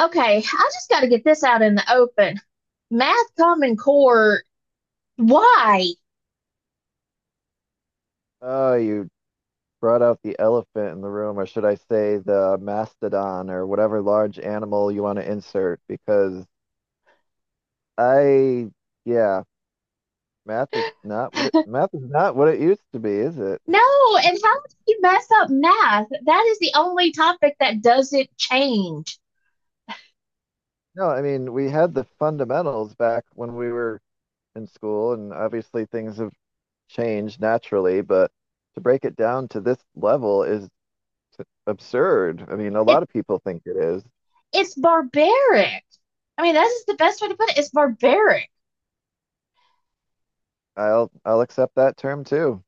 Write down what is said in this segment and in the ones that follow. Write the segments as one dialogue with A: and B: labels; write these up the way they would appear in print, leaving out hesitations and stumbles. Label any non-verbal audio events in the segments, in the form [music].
A: Okay, I just got to get this out in the open. Math Common Core, why?
B: Oh, you brought out the elephant in the room, or should I say the mastodon or whatever large animal you want to insert, because I, yeah,
A: [laughs]
B: math is not what it used to be, is it?
A: No, and how do you mess up math? That is the only topic that doesn't change.
B: No, I mean, we had the fundamentals back when we were in school, and obviously things have changed naturally, but to break it down to this level is absurd. I mean, a
A: It
B: lot of people think it is.
A: it's barbaric. I mean, that is the best way to put it. It's barbaric.
B: I'll accept that term too.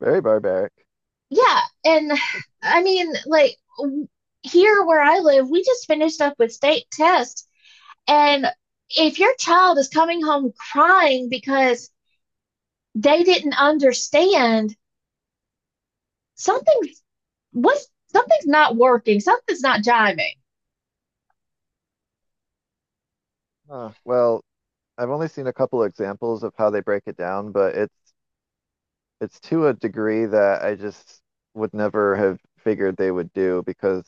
B: Very barbaric.
A: Yeah, and I mean, like here where I live, we just finished up with state tests, and if your child is coming home crying because they didn't understand, something something's not working, something's not jiving.
B: Huh. Well, I've only seen a couple examples of how they break it down, but it's to a degree that I just would never have figured they would do because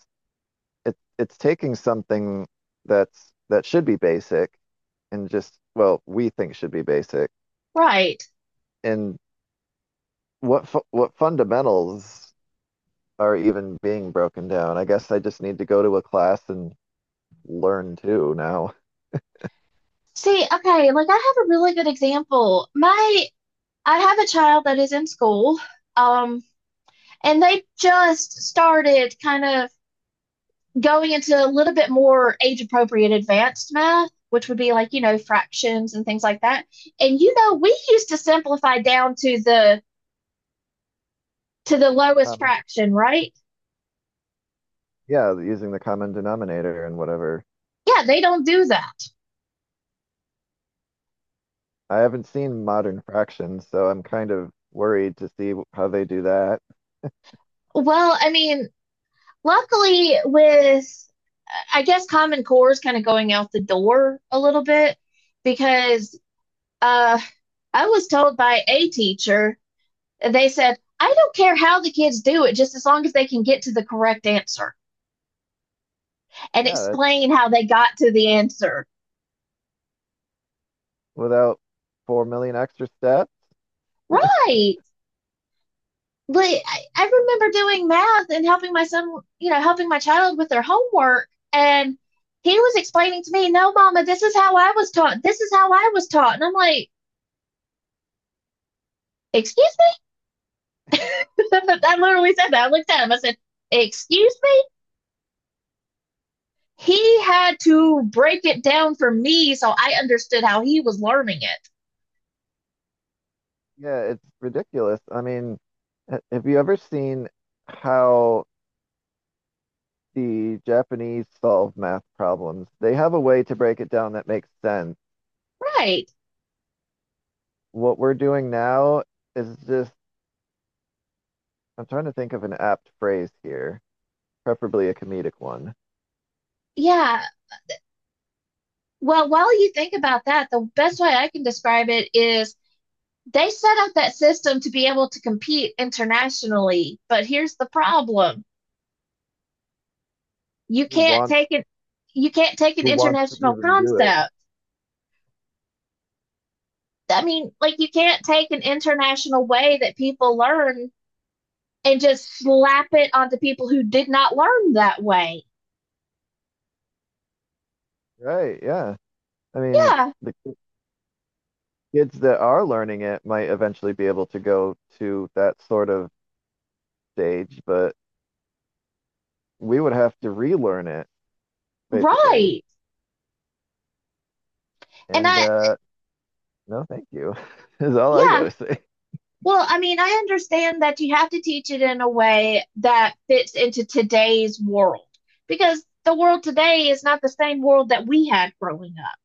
B: it's taking something that should be basic and just, well, we think should be basic,
A: Right.
B: and what fundamentals are even being broken down. I guess I just need to go to a class and learn too now.
A: See, okay, like I have a really good example. My I have a child that is in school, um, and they just started kind of going into a little bit more age appropriate advanced math, which would be like, you know, fractions and things like that. And you know, we used to simplify down to the lowest
B: Common.
A: fraction, right?
B: Yeah, using the common denominator and whatever.
A: Yeah, they don't do that.
B: I haven't seen Modern Fractions, so I'm kind of worried to see how they do that.
A: Well, I mean, luckily, with I guess Common Core is kind of going out the door a little bit because uh, I was told by a teacher, they said, I don't care how the kids do it, just as long as they can get to the correct answer and
B: Yeah, that,
A: explain how they got to the answer.
B: without 4 million extra steps.
A: Right. But I remember doing math and helping my son, you know, helping my child with their homework. And he was explaining to me, no, mama, this is how I was taught. This is how I was taught. And I'm like, excuse me? [laughs] I literally said that. I looked at him. I said, excuse me? He had to break it down for me so I understood how he was learning it.
B: Yeah, it's ridiculous. I mean, have you ever seen how the Japanese solve math problems? They have a way to break it down that makes sense.
A: Right.
B: What we're doing now is just, I'm trying to think of an apt phrase here, preferably a comedic one.
A: Yeah. Well, while you think about that, the best way I can describe it is they set up that system to be able to compete internationally. But here's the problem. You
B: Who
A: can't
B: wants
A: take an you can't take an
B: who wants to
A: international
B: even do it?
A: concept. I mean, like you can't take an international way that people learn and just slap it onto people who did not learn that way.
B: Right, yeah. I mean,
A: Yeah,
B: the kids that are learning it might eventually be able to go to that sort of stage, but we would have to relearn it basically.
A: right. And
B: And
A: I,
B: no, thank you [laughs] is all I
A: yeah,
B: gotta say.
A: well, I mean, I understand that you have to teach it in a way that fits into today's world because the world today is not the same world that we had growing up.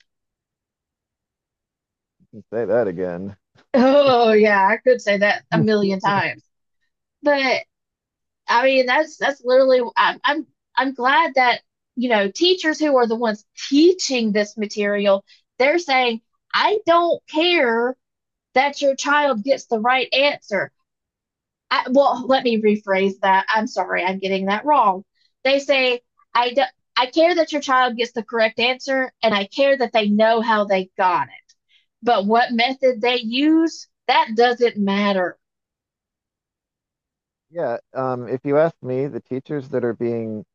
B: [laughs] Say that again.
A: Oh, yeah, I could say that a million times. But I mean, that's literally I'm glad that, you know, teachers who are the ones teaching this material, they're saying, "I don't care that your child gets the right answer. Well, let me rephrase that. I'm sorry, I'm getting that wrong. They say, I, do, I care that your child gets the correct answer, and I care that they know how they got it. But what method they use, that doesn't matter."
B: Yeah, if you ask me, the teachers that are being,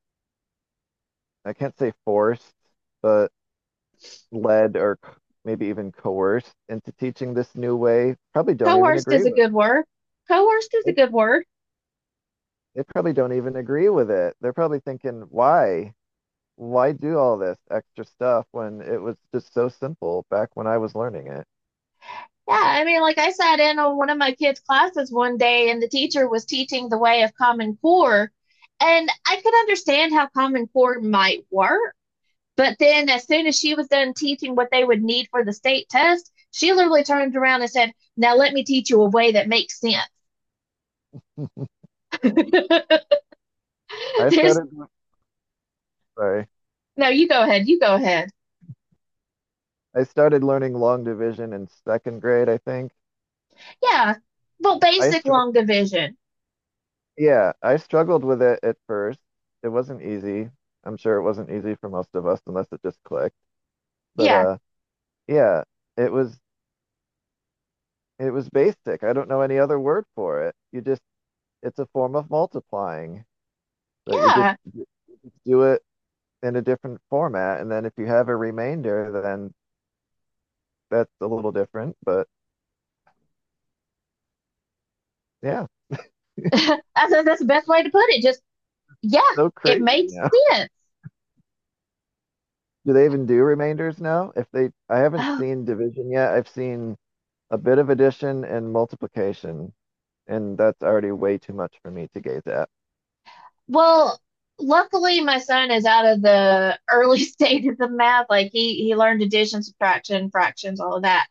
B: I can't say forced, but led or maybe even coerced into teaching this new way, probably don't even
A: Coerced is
B: agree
A: a
B: with it.
A: good word. Coerced is a
B: They
A: good word.
B: they probably don't even agree with it. They're probably thinking, why? Why do all this extra stuff when it was just so simple back when I was learning it?
A: Yeah, I mean, like I sat in on one of my kids' classes one day, and the teacher was teaching the way of Common Core. And I could understand how Common Core might work, but then, as soon as she was done teaching what they would need for the state test, she literally turned around and said, now let me teach you a way that makes sense. [laughs]
B: I
A: There's
B: started, sorry,
A: No, you go ahead, you go ahead.
B: I started learning long division in second grade, I think.
A: Yeah. Well,
B: I
A: basic
B: struggled,
A: long division.
B: yeah, I struggled with it at first. It wasn't easy. I'm sure it wasn't easy for most of us unless it just clicked. But
A: Yeah.
B: yeah, it was it was basic. I don't know any other word for it. You just it's a form of multiplying, but you just
A: Yeah.
B: do it in a different format. And then if you have a remainder, then that's a little different, but yeah,
A: [laughs] I said that's the best way to put it. Just, yeah,
B: so
A: it
B: crazy
A: made
B: now.
A: sense.
B: [laughs] Do they even do remainders now? If they, I haven't
A: Oh,
B: seen division yet. I've seen a bit of addition and multiplication, and that's already way too much for me to gaze at.
A: well, luckily my son is out of the early [laughs] stages of math. Like he learned addition, subtraction, fractions, all of that.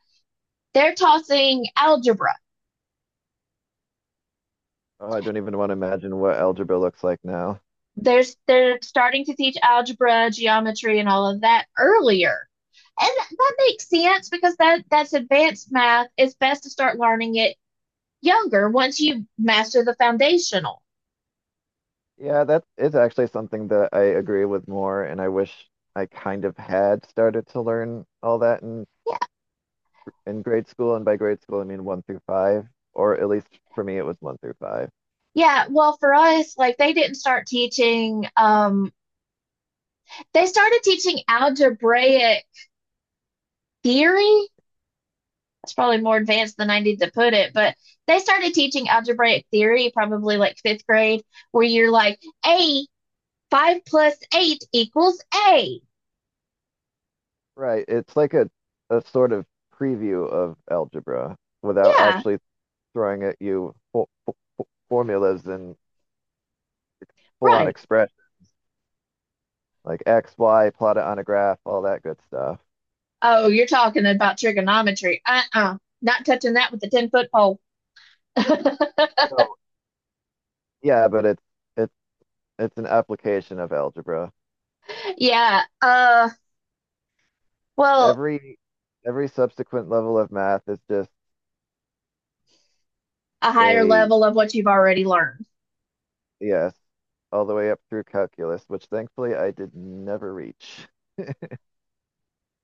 A: They're tossing algebra.
B: Oh, I don't even want to imagine what algebra looks like now.
A: There's They're starting to teach algebra, geometry, and all of that earlier. And that, makes sense because that's advanced math. It's best to start learning it younger once you master the foundational.
B: Yeah, that is actually something that I agree with more, and I wish I kind of had started to learn all that in
A: Yeah.
B: in grade school. And by grade school, I mean one through five, or at least for me, it was one through five.
A: Yeah, well for us, like they didn't start teaching they started teaching algebraic theory. That's probably more advanced than I need to put it, but they started teaching algebraic theory probably like fifth grade, where you're like, A, five plus eight equals A.
B: Right. It's like a sort of preview of algebra without
A: Yeah,
B: actually throwing at you fo formulas and full on
A: right.
B: expression like x, y, plotted on a graph, all that good stuff.
A: Oh, you're talking about trigonometry. Uh-uh. Not touching that with a 10-foot pole. [laughs]
B: Well, yeah, but it's it's an application of algebra.
A: Yeah. Well,
B: Every every subsequent level of math is just
A: a higher
B: a
A: level of what you've already learned.
B: yes, all the way up through calculus, which thankfully I did never reach.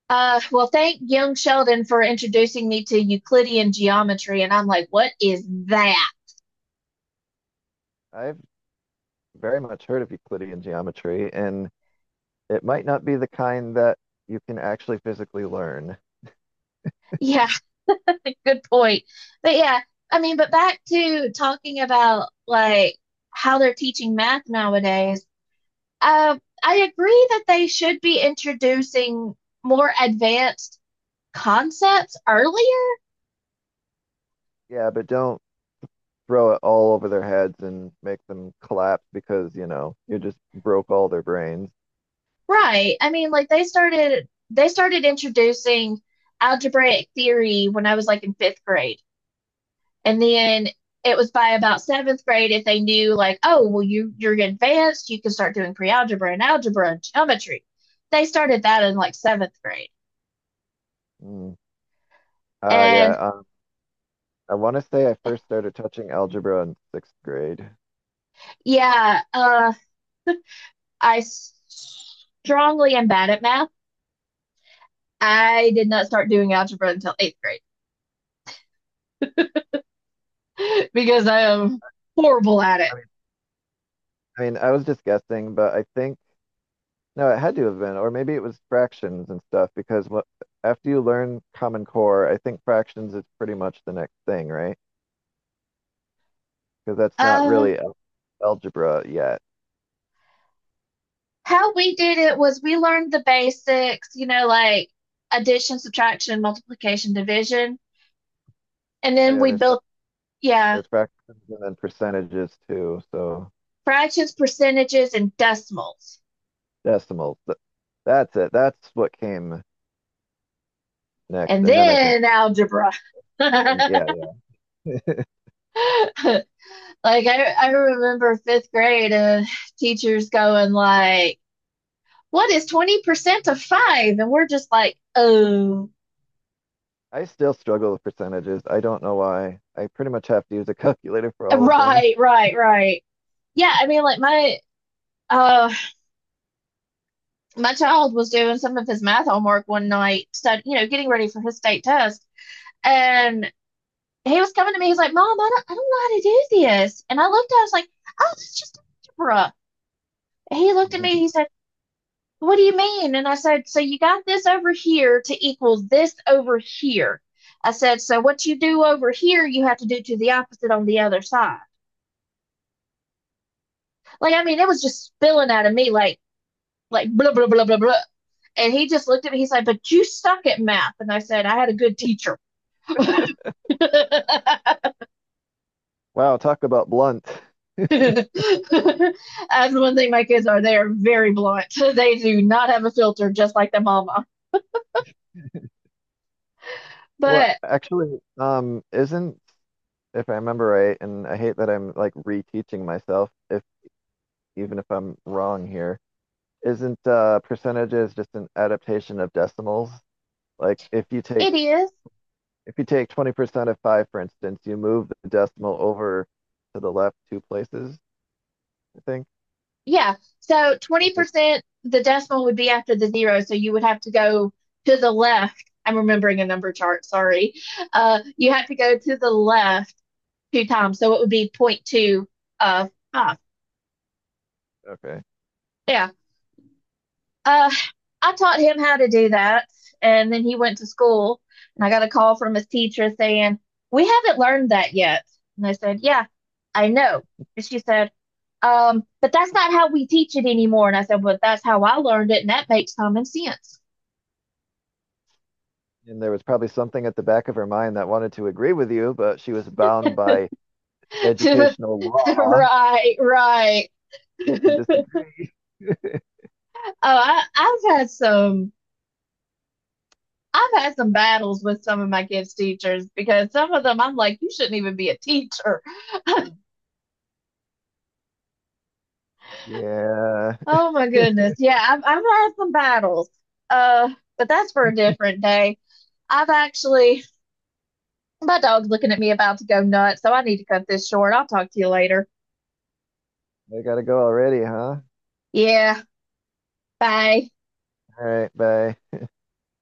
A: Well, thank young Sheldon for introducing me to Euclidean geometry. And I'm like, what is that?
B: I've very much heard of Euclidean geometry, and it might not be the kind that you can actually physically learn.
A: Yeah, [laughs] good point. But yeah, I mean, but back to talking about like how they're teaching math nowadays. I agree that they should be introducing more advanced concepts earlier.
B: Yeah, but don't throw it all over their heads and make them collapse because, you know, you just broke all their brains.
A: Right, I mean, like they started introducing algebraic theory when I was like in fifth grade. And then it was by about seventh grade. If they knew, like, oh, well, you're advanced, you can start doing pre-algebra and algebra and geometry. They started that in like seventh grade.
B: Mm.
A: And
B: Yeah, I want to say I first started touching algebra in sixth grade.
A: yeah, I strongly am bad at math. I did not start doing algebra until eighth grade [laughs] because I am horrible at it.
B: I mean, I mean, I was just guessing, but I think no, it had to have been, or maybe it was fractions and stuff, because what after you learn Common Core, I think fractions is pretty much the next thing, right? Because that's not
A: uh
B: really algebra yet.
A: How we did it was we learned the basics, you know, like addition, subtraction, multiplication, division. And
B: Oh
A: then
B: yeah,
A: we
B: there's.
A: built, yeah,
B: There's fractions and then percentages too, so
A: fractions, percentages, and decimals.
B: decimals. That's it. That's what came next.
A: And
B: And then I think,
A: then algebra.
B: and yeah, yeah.
A: [laughs] Like I remember fifth grade, teachers going like, "What is 20% of five?" And we're just like, "Oh,
B: [laughs] I still struggle with percentages. I don't know why. I pretty much have to use a calculator for all of them.
A: right, right, right." Yeah, I mean like my uh my child was doing some of his math homework one night, getting ready for his state test. And he was coming to me. He's like, Mom, I don't know how to do this. And I looked at him, I was like, oh, it's just algebra. He looked at me.
B: [laughs]
A: He said, what do you mean? And I said, so you got this over here to equal this over here. I said, so what you do over here, you have to do to the opposite on the other side. Like, I mean, it was just spilling out of me like blah, blah, blah, blah, blah. And he just looked at me. He's like, but you suck at math. And I said, I had a good teacher. [laughs] That's
B: Wow, talk about blunt.
A: one thing my kids are. They are very blunt. [laughs] They do not have a filter, just like their mama.
B: Well,
A: But
B: actually, isn't, if I remember right, and I hate that I'm like reteaching myself, if even if I'm wrong here, isn't percentages just an adaptation of decimals? Like
A: it is.
B: if you take 20% of 5, for instance, you move the decimal over to the left two places, I think.
A: Yeah. So
B: If it's
A: 20%, the decimal would be after the zero. So you would have to go to the left. I'm remembering a number chart. Sorry. You have to go to the left two times. So it would be zero point 0.2 of 5.
B: Okay.
A: Yeah. Uh, I taught him how to do that, and then he went to school, and I got a call from his teacher saying, "We haven't learned that yet." And I said, "Yeah, I know." And she said, "But that's not how we teach it anymore." And I said, "Well, that's how I learned it, and that makes common sense."
B: And there was probably something at the back of her mind that wanted to agree with you, but she was bound by
A: [laughs]
B: educational law
A: Right, right. [laughs]
B: to
A: Oh,
B: disagree.
A: I've had some. I've had some battles with some of my kids' teachers because some of them I'm like, you shouldn't even be a teacher.
B: Yeah,
A: Oh my goodness. Yeah, I've had some battles. Uh, but that's for a different day. I've actually my dog's looking at me about to go nuts, so I need to cut this short. I'll talk to you later.
B: I gotta go already, huh?
A: Yeah, bye.
B: Alright, bye.